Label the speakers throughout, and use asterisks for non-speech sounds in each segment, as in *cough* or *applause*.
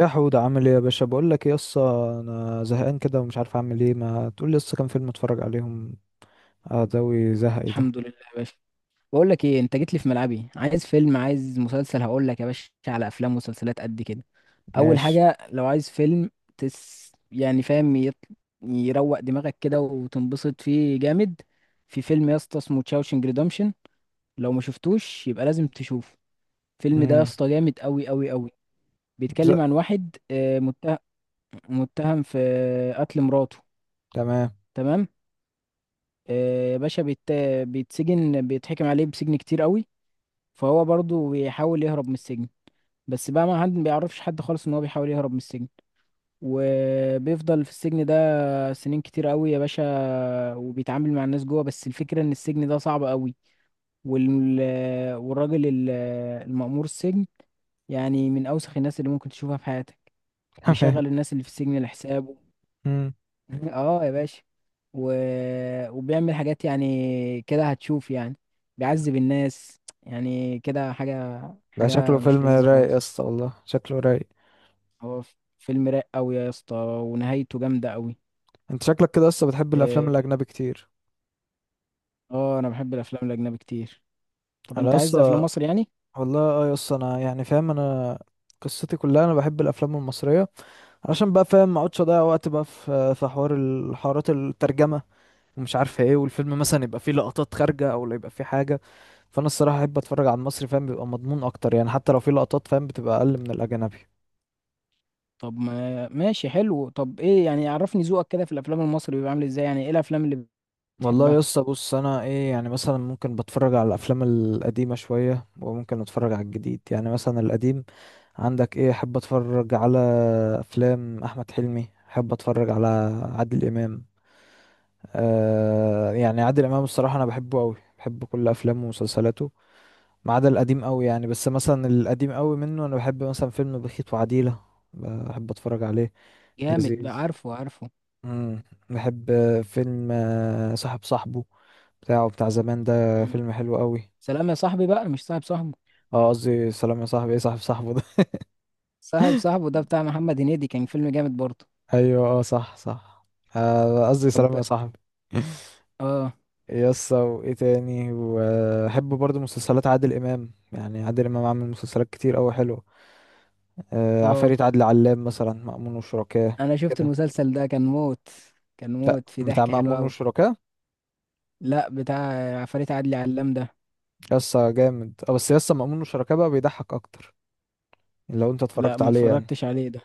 Speaker 1: يا حود، عامل ايه يا باشا؟ بقول لك ايه يسا، انا زهقان كده ومش عارف اعمل ايه. ما تقول لي يسا كام فيلم اتفرج عليهم اداوي زهقي ده.
Speaker 2: الحمد لله يا باشا. بقول لك ايه؟ انت جيت لي في ملعبي، عايز فيلم، عايز مسلسل، هقول لك يا باشا على افلام ومسلسلات قد كده. اول
Speaker 1: ماشي.
Speaker 2: حاجه لو عايز فيلم يعني فاهم، يروق دماغك كده وتنبسط فيه جامد. في فيلم يا اسطى اسمه تشاوشنج ريدمشن، لو ما شفتوش يبقى لازم تشوفه. الفيلم ده يا
Speaker 1: امم.
Speaker 2: اسطى جامد قوي قوي قوي.
Speaker 1: ز...
Speaker 2: بيتكلم عن واحد متهم في قتل مراته.
Speaker 1: تمام.
Speaker 2: تمام. يا باشا، بيتسجن، بيتحكم عليه بسجن كتير قوي. فهو برضه بيحاول يهرب من السجن. بس بقى ما بيعرفش حد خالص ان هو بيحاول يهرب من السجن. وبيفضل في السجن ده سنين كتير قوي يا باشا. وبيتعامل مع الناس جوه. بس الفكرة ان السجن ده صعب قوي. وال... والراجل المأمور السجن، يعني من اوسخ الناس اللي ممكن تشوفها في حياتك.
Speaker 1: *laughs* تمام.
Speaker 2: بيشغل الناس اللي في السجن لحسابه.
Speaker 1: امم.
Speaker 2: *laughs* اه يا باشا. و... وبيعمل حاجات، يعني كده هتشوف يعني، بيعذب الناس يعني كده حاجة
Speaker 1: ده شكله
Speaker 2: حاجة مش
Speaker 1: فيلم
Speaker 2: لذيذة
Speaker 1: رايق
Speaker 2: خالص.
Speaker 1: يسا، والله شكله رايق.
Speaker 2: هو فيلم رايق قوي يا اسطى، ونهايته جامده قوي.
Speaker 1: انت شكلك كده يسا بتحب الافلام
Speaker 2: اه.
Speaker 1: الاجنبي كتير.
Speaker 2: انا بحب الافلام الاجنبي كتير. طب
Speaker 1: انا
Speaker 2: انت عايز افلام
Speaker 1: يسا،
Speaker 2: مصري يعني؟
Speaker 1: والله اه يسا انا يعني فاهم، انا قصتي كلها انا بحب الافلام المصريه. علشان بقى فاهم ما اقعدش اضيع وقت بقى في حوار الحوارات الترجمه، ومش عارف ايه، والفيلم مثلا يبقى فيه لقطات خارجه او لا يبقى فيه حاجه. فانا الصراحه احب اتفرج على المصري، فاهم بيبقى مضمون اكتر يعني، حتى لو في لقطات فاهم بتبقى اقل من الاجنبي.
Speaker 2: طب ما ماشي، حلو. طب ايه يعني، عرفني ذوقك كده في الافلام المصري بيبقى عامل ازاي، يعني ايه الافلام اللي
Speaker 1: والله
Speaker 2: بتحبها؟
Speaker 1: يا اسطى بص، انا ايه يعني، مثلا ممكن بتفرج على الافلام القديمه شويه وممكن اتفرج على الجديد. يعني مثلا القديم عندك ايه، احب اتفرج على افلام احمد حلمي، احب اتفرج على عادل امام. آه يعني عادل امام الصراحه انا بحبه قوي، بحب كل افلامه ومسلسلاته. ما عدا القديم قوي يعني، بس مثلا القديم قوي منه انا بحب مثلا فيلم بخيت وعديله، بحب اتفرج عليه.
Speaker 2: جامد بقى،
Speaker 1: لذيذ.
Speaker 2: عارفه عارفه.
Speaker 1: مم. بحب فيلم صاحب صاحبه بتاعه، بتاع زمان، ده
Speaker 2: مم.
Speaker 1: فيلم حلو قوي.
Speaker 2: سلام يا صاحبي بقى، مش صاحب صاحبه.
Speaker 1: اه قصدي سلام يا صاحبي، ايه صاحب صاحبه ده؟
Speaker 2: صاحب صاحبه ده بتاع محمد هنيدي، كان فيلم جامد برضه.
Speaker 1: *laughs* ايوه، اه، صح صح. قصدي سلام
Speaker 2: طب.
Speaker 1: يا صاحبي. *laughs*
Speaker 2: اه
Speaker 1: يس، وايه تاني؟ وبحب برضو مسلسلات عادل امام. يعني عادل امام عامل مسلسلات كتير قوي حلوه.
Speaker 2: اه،
Speaker 1: عفاريت عادل علام مثلا، مأمون وشركاه.
Speaker 2: انا شفت
Speaker 1: كده؟
Speaker 2: المسلسل ده كان موت. كان
Speaker 1: لا،
Speaker 2: موت في
Speaker 1: بتاع
Speaker 2: ضحك حلو
Speaker 1: مأمون
Speaker 2: قوي.
Speaker 1: وشركاه.
Speaker 2: لا، بتاع عفاريت عدلي علام ده.
Speaker 1: يس جامد اه، بس يس مأمون وشركاه بقى بيضحك اكتر، لو انت
Speaker 2: لا،
Speaker 1: اتفرجت
Speaker 2: ما
Speaker 1: عليه يعني.
Speaker 2: اتفرجتش عليه ده.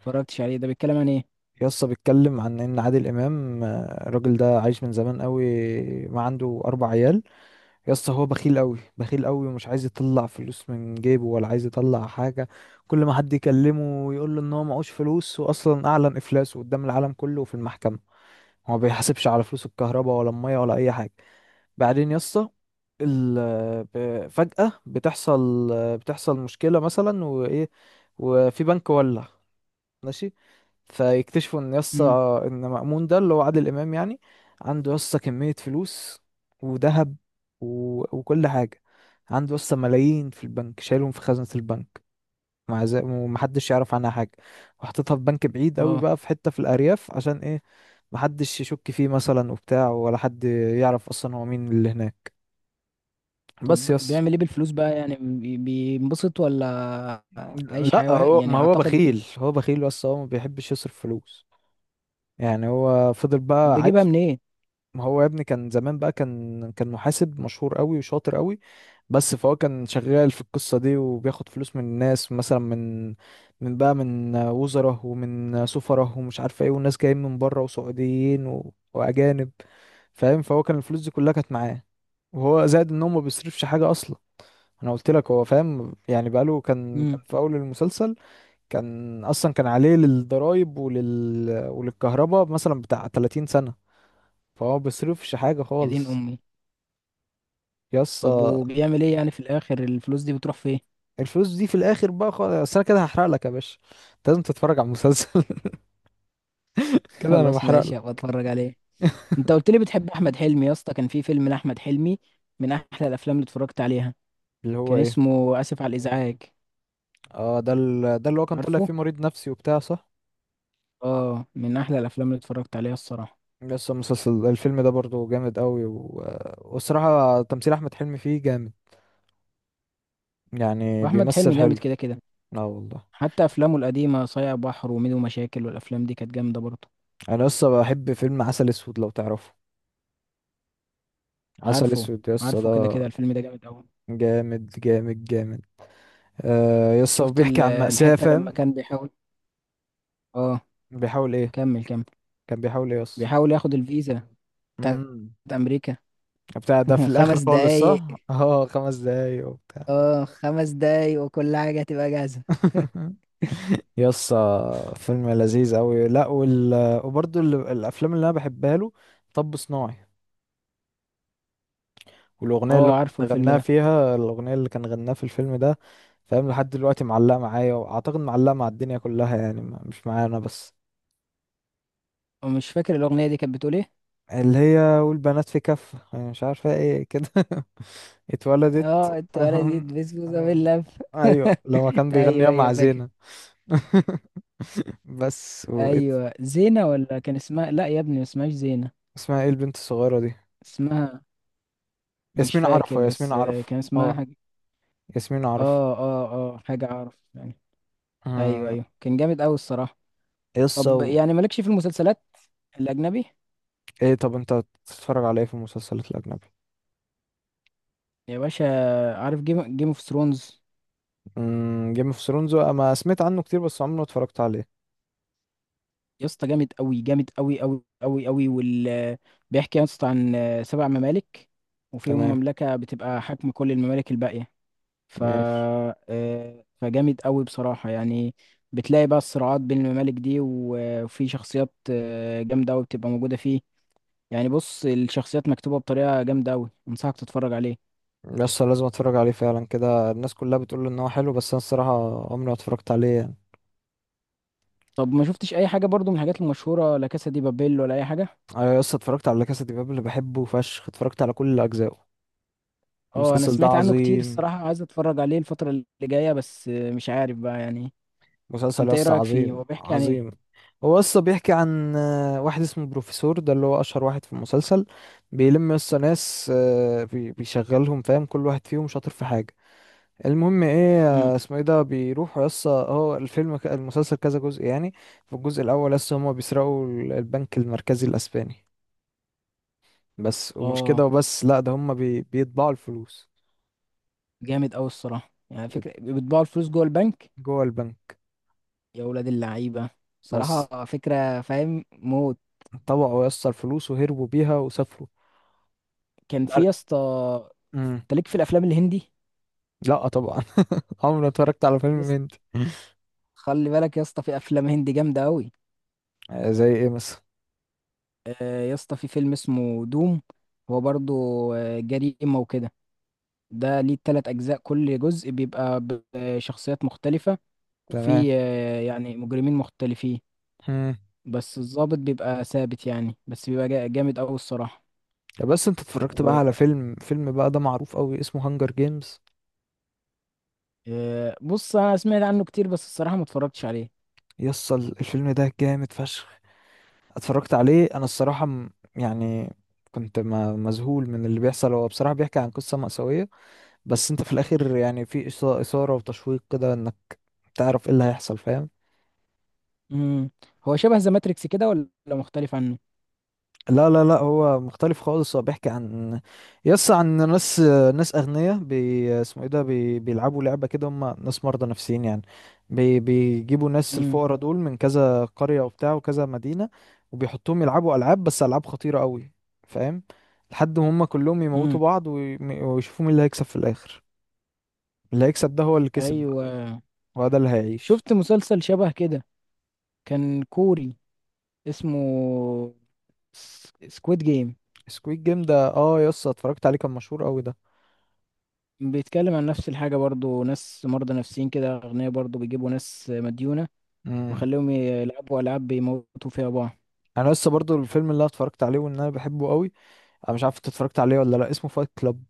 Speaker 2: بيتكلم عن ايه؟
Speaker 1: يسطا بيتكلم عن ان عادل امام، الراجل ده عايش من زمان قوي، ما عنده اربع عيال. يسطا هو بخيل قوي بخيل قوي، ومش عايز يطلع فلوس من جيبه ولا عايز يطلع حاجه. كل ما حد يكلمه يقول له ان هو معهوش فلوس، واصلا اعلن افلاسه قدام العالم كله وفي المحكمه. هو ما بيحاسبش على فلوس الكهرباء ولا الميه ولا اي حاجه. بعدين يسطا، ال فجأة بتحصل مشكلة مثلا وإيه، وفي بنك ولع. ماشي. فيكتشفوا ان
Speaker 2: امم
Speaker 1: يسطا، ان مأمون ده اللي هو عادل امام يعني، عنده يسطا كمية فلوس وذهب و... وكل حاجة. عنده يسطا ملايين في البنك، شايلهم في خزنة البنك مع ذلك ومحدش يعرف عنها حاجة. وحطيتها في بنك بعيد قوي
Speaker 2: اه.
Speaker 1: بقى، في حتة في الأرياف، عشان ايه؟ محدش يشك فيه مثلا وبتاع، ولا حد يعرف اصلا هو مين اللي هناك. بس
Speaker 2: طب
Speaker 1: يس.
Speaker 2: بيعمل ايه بالفلوس بقى يعني، بينبسط، ولا عايش حياة
Speaker 1: لا هو
Speaker 2: يعني
Speaker 1: ما هو
Speaker 2: اعتقد.
Speaker 1: بخيل، هو بخيل بس هو ما بيحبش يصرف فلوس. يعني هو فضل
Speaker 2: طب
Speaker 1: بقى
Speaker 2: بيجيبها
Speaker 1: عايش.
Speaker 2: منين؟
Speaker 1: ما هو يا ابني كان زمان بقى، كان محاسب مشهور قوي وشاطر قوي. بس فهو كان شغال في القصة دي، وبياخد فلوس من الناس، مثلا من بقى من وزراء ومن سفراء ومش عارف ايه، والناس جايين من بره وسعوديين واجانب. فاهم، فهو كان الفلوس دي كلها كانت معاه. وهو زائد ان هو ما بيصرفش حاجة اصلا. انا قلت لك، هو فاهم يعني، بقاله كان
Speaker 2: امم
Speaker 1: في اول المسلسل كان اصلا كان عليه للضرايب وللكهرباء مثلا بتاع 30 سنة. فهو ما بيصرفش حاجة
Speaker 2: يا دين
Speaker 1: خالص.
Speaker 2: امي.
Speaker 1: يس،
Speaker 2: طب وبيعمل ايه يعني في الاخر، الفلوس دي بتروح فين؟
Speaker 1: الفلوس دي في الاخر بقى خالص، أصل انا كده هحرق لك يا باشا. أنت لازم تتفرج على المسلسل. *laughs*
Speaker 2: *laughs*
Speaker 1: كده انا
Speaker 2: خلاص
Speaker 1: بحرق
Speaker 2: ماشي،
Speaker 1: لك.
Speaker 2: هبقى اتفرج عليه.
Speaker 1: *laughs*
Speaker 2: انت قلت لي بتحب احمد حلمي يا اسطى، كان في فيلم لاحمد حلمي من احلى الافلام اللي اتفرجت عليها.
Speaker 1: اللي هو
Speaker 2: كان
Speaker 1: ايه؟
Speaker 2: اسمه اسف على الازعاج.
Speaker 1: اه، ده اللي هو كان طالع
Speaker 2: عارفه.
Speaker 1: فيه مريض نفسي وبتاع، صح.
Speaker 2: اه، من احلى الافلام اللي اتفرجت عليها الصراحة.
Speaker 1: يس، المسلسل، الفيلم ده برضو جامد قوي والصراحة تمثيل احمد حلمي فيه جامد، يعني
Speaker 2: واحمد
Speaker 1: بيمثل
Speaker 2: حلمي
Speaker 1: حلو.
Speaker 2: جامد كده كده.
Speaker 1: اه والله.
Speaker 2: حتى افلامه القديمه، صايع بحر وميدو مشاكل، والافلام دي كانت جامده برضه.
Speaker 1: انا لسه بحب فيلم عسل اسود، لو تعرفه. عسل
Speaker 2: عارفه،
Speaker 1: اسود يس
Speaker 2: عارفه كده
Speaker 1: ده.
Speaker 2: كده، الفيلم ده جامد قوي.
Speaker 1: جامد جامد جامد. آه يس، هو
Speaker 2: شفت
Speaker 1: بيحكي عن مأساة
Speaker 2: الحته لما
Speaker 1: فاهم.
Speaker 2: كان بيحاول. اه،
Speaker 1: بيحاول ايه؟
Speaker 2: كمل كمل.
Speaker 1: كان بيحاول ايه؟
Speaker 2: بيحاول ياخد الفيزا بتاعت
Speaker 1: يس
Speaker 2: امريكا.
Speaker 1: بتاع، ده في
Speaker 2: *laughs*
Speaker 1: الاخر
Speaker 2: خمس
Speaker 1: خالص، صح.
Speaker 2: دقايق
Speaker 1: اه 5 دقايق وبتاع.
Speaker 2: اه، 5 دقايق وكل حاجه هتبقى جاهزه.
Speaker 1: *laughs* يس فيلم لذيذ قوي. لا وبرضه الافلام اللي انا بحبها له، طب صناعي، والاغنيه اللي هو
Speaker 2: اه، عارفه
Speaker 1: كان
Speaker 2: الفيلم
Speaker 1: غناها
Speaker 2: ده.
Speaker 1: فيها، الاغنيه اللي كان غناها في الفيلم ده، فاهم لحد دلوقتي معلقه معايا، واعتقد معلقه مع الدنيا كلها يعني، مش معايا انا بس.
Speaker 2: ومش فاكر الاغنيه دي كانت بتقول ايه.
Speaker 1: اللي هي والبنات في كف، أنا مش عارفه ايه كده. *laughs*
Speaker 2: اه،
Speaker 1: اتولدت.
Speaker 2: التوالة دي
Speaker 1: *laughs*
Speaker 2: بسبوسه باللف. *laughs*
Speaker 1: ايوه لما كان
Speaker 2: ايوه
Speaker 1: بيغنيها
Speaker 2: ايوه،
Speaker 1: مع
Speaker 2: فاكر.
Speaker 1: زينة. *laughs* بس
Speaker 2: ايوه زينه، ولا كان اسمها؟ لا يا ابني، ما اسمهاش زينه.
Speaker 1: اسمها ايه البنت الصغيرة دي؟
Speaker 2: اسمها مش
Speaker 1: ياسمين
Speaker 2: فاكر،
Speaker 1: عرفة، ياسمين
Speaker 2: بس
Speaker 1: عرفة
Speaker 2: كان اسمها
Speaker 1: اه.
Speaker 2: حاجة.
Speaker 1: ياسمين عرفة.
Speaker 2: اه اه اه، حاجة اعرف يعني. ايوه
Speaker 1: أمم.
Speaker 2: ايوه، كان جامد اوي الصراحة.
Speaker 1: يسا
Speaker 2: طب يعني مالكش في المسلسلات الاجنبي
Speaker 1: ايه؟ طب انت بتتفرج على ايه في المسلسلات الأجنبي؟
Speaker 2: يا باشا؟ عارف جيم اوف ثرونز؟
Speaker 1: جيم اوف ثرونز ما سمعت عنه كتير، بس عمري ما اتفرجت عليه.
Speaker 2: يا اسطى جامد اوي جامد اوي اوي اوي اوي بيحكي يا اسطى عن 7 ممالك، وفيهم
Speaker 1: تمام.
Speaker 2: مملكة بتبقى حاكمة كل الممالك الباقية. ف
Speaker 1: ماشي.
Speaker 2: فجامد اوي بصراحة يعني. بتلاقي بقى الصراعات بين الممالك دي، وفي شخصيات جامدة اوي بتبقى موجودة فيه. يعني بص، الشخصيات مكتوبة بطريقة جامدة أوي، أنصحك تتفرج عليه.
Speaker 1: يسا لازم اتفرج عليه فعلا. كده الناس كلها بتقول ان هو حلو، بس انا الصراحة عمري ما اتفرجت عليه يعني.
Speaker 2: طب ما شفتش أي حاجة برضو من الحاجات المشهورة، لا كاسا دي بابيل ولا أي حاجة؟
Speaker 1: انا يسا اتفرجت على كاسا دي بابل، اللي بحبه فشخ، اتفرجت على كل اجزائه.
Speaker 2: اه، أنا
Speaker 1: المسلسل ده
Speaker 2: سمعت عنه كتير
Speaker 1: عظيم.
Speaker 2: الصراحة، عايز أتفرج عليه الفترة اللي جاية، بس مش عارف بقى يعني.
Speaker 1: مسلسل
Speaker 2: أنت إيه
Speaker 1: يس
Speaker 2: رأيك فيه؟
Speaker 1: عظيم
Speaker 2: هو بيحكي عن إيه؟
Speaker 1: عظيم. هو يس بيحكي عن واحد اسمه بروفيسور، ده اللي هو اشهر واحد في المسلسل. بيلم يس ناس، بيشغلهم، فاهم كل واحد فيهم شاطر في حاجة. المهم ايه،
Speaker 2: مم.
Speaker 1: اسمه ايه ده، بيروحوا يس، هو الفيلم المسلسل كذا جزء يعني. في الجزء الاول يس هما بيسرقوا البنك المركزي الاسباني. بس ومش كده
Speaker 2: اه،
Speaker 1: وبس، لا ده هما بيطبعوا الفلوس
Speaker 2: جامد أوي الصراحة، يعني فكرة بيطبعوا الفلوس جوه البنك.
Speaker 1: جوه البنك.
Speaker 2: يا ولاد اللعيبة.
Speaker 1: بس
Speaker 2: صراحة فكرة فاهم موت.
Speaker 1: طبعوا يس الفلوس وهربوا بيها وسافروا.
Speaker 2: كان في
Speaker 1: تعر-
Speaker 2: يا اسطى
Speaker 1: مم.
Speaker 2: أنت ليك في الأفلام الهندي؟
Speaker 1: لا طبعا. *laughs* عمري ما اتفرجت على
Speaker 2: يا
Speaker 1: فيلم
Speaker 2: اسطى
Speaker 1: هندي.
Speaker 2: خلي بالك يا اسطى، في أفلام هندي جامدة أوي.
Speaker 1: زي ايه مثلا؟
Speaker 2: يا اسطى في فيلم اسمه دوم. هو برضو جريمة وكده. ده ليه 3 أجزاء، كل جزء بيبقى بشخصيات مختلفة،
Speaker 1: تمام.
Speaker 2: وفي يعني مجرمين مختلفين.
Speaker 1: مم.
Speaker 2: بس الضابط بيبقى ثابت يعني، بس بيبقى جامد أوي الصراحة.
Speaker 1: طب بس انت اتفرجت بقى على
Speaker 2: وبص،
Speaker 1: فيلم بقى ده معروف قوي اسمه هانجر جيمز.
Speaker 2: أنا سمعت عنه كتير بس الصراحة ما اتفرجتش عليه.
Speaker 1: يصل، الفيلم ده جامد فشخ. اتفرجت عليه انا الصراحة، يعني كنت، مذهول من اللي بيحصل. هو بصراحة بيحكي عن قصة مأساوية، بس انت في الاخر يعني في إثارة وتشويق كده، انك تعرف ايه اللي هيحصل فاهم.
Speaker 2: مم. هو شبه ذا ماتريكس كده، ولا مختلف عنه؟
Speaker 1: لا لا لا، هو مختلف خالص. هو بيحكي عن، يس، عن ناس أغنياء، اسمه ايه ده، بيلعبوا لعبة كده، هم ناس مرضى نفسيين يعني. بيجيبوا ناس
Speaker 2: مم.
Speaker 1: الفقراء دول من كذا قرية وبتاع وكذا مدينة. وبيحطوهم يلعبوا ألعاب، بس ألعاب خطيرة قوي، فاهم، لحد ما هم كلهم يموتوا
Speaker 2: مم.
Speaker 1: بعض ويشوفوا مين اللي هيكسب في الآخر. اللي هيكسب ده هو اللي كسب بقى،
Speaker 2: أيوة.
Speaker 1: وهو ده اللي هيعيش.
Speaker 2: شفت مسلسل شبه كده، كان كوري، اسمه سكويد جيم.
Speaker 1: سكويد جيم ده اه يس اتفرجت عليه، كان مشهور قوي ده.
Speaker 2: بيتكلم عن نفس الحاجة برضو، ناس مرضى نفسيين كده أغنياء برضو، بيجيبوا ناس مديونة
Speaker 1: مم.
Speaker 2: وخليهم يلعبوا ألعاب بيموتوا فيها بعض.
Speaker 1: انا لسه برضو، الفيلم اللي أنا اتفرجت عليه وان انا بحبه قوي، انا مش عارف انت اتفرجت عليه ولا لا، اسمه فايت كلاب.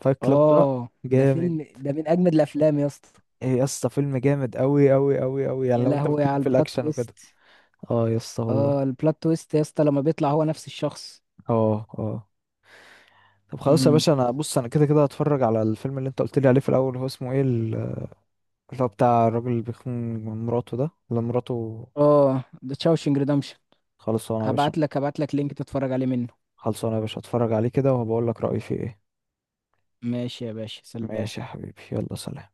Speaker 1: فايت كلاب ده
Speaker 2: آه،
Speaker 1: جامد.
Speaker 2: ده من أجمد الأفلام يا اسطى.
Speaker 1: ايه يا اسطى، فيلم جامد قوي قوي قوي قوي، يعني
Speaker 2: يا
Speaker 1: لو انت
Speaker 2: لهوي
Speaker 1: بتليك
Speaker 2: على
Speaker 1: في
Speaker 2: البلot
Speaker 1: الاكشن وكده.
Speaker 2: تويست.
Speaker 1: اه يا اسطى والله.
Speaker 2: آه، البلot تويست يا اسطى لما بيطلع هو نفس الشخص.
Speaker 1: اه. اه. طب خلاص يا
Speaker 2: امم
Speaker 1: باشا، انا بص انا كده كده هتفرج على الفيلم اللي انت قلت لي عليه في الاول، هو اسمه ايه اللي هو بتاع الراجل اللي بيخون مراته ده، اللي مراته؟
Speaker 2: آه، ده تشاوشنج ريدمشن.
Speaker 1: خلصانه يا باشا.
Speaker 2: هبعت لك لينك تتفرج عليه منه.
Speaker 1: خلصانه يا باشا، هتفرج عليه كده وهبقول لك رايي فيه ايه.
Speaker 2: ماشي يا باشا،
Speaker 1: ماشي يا
Speaker 2: سلام.
Speaker 1: حبيبي، يلا سلام.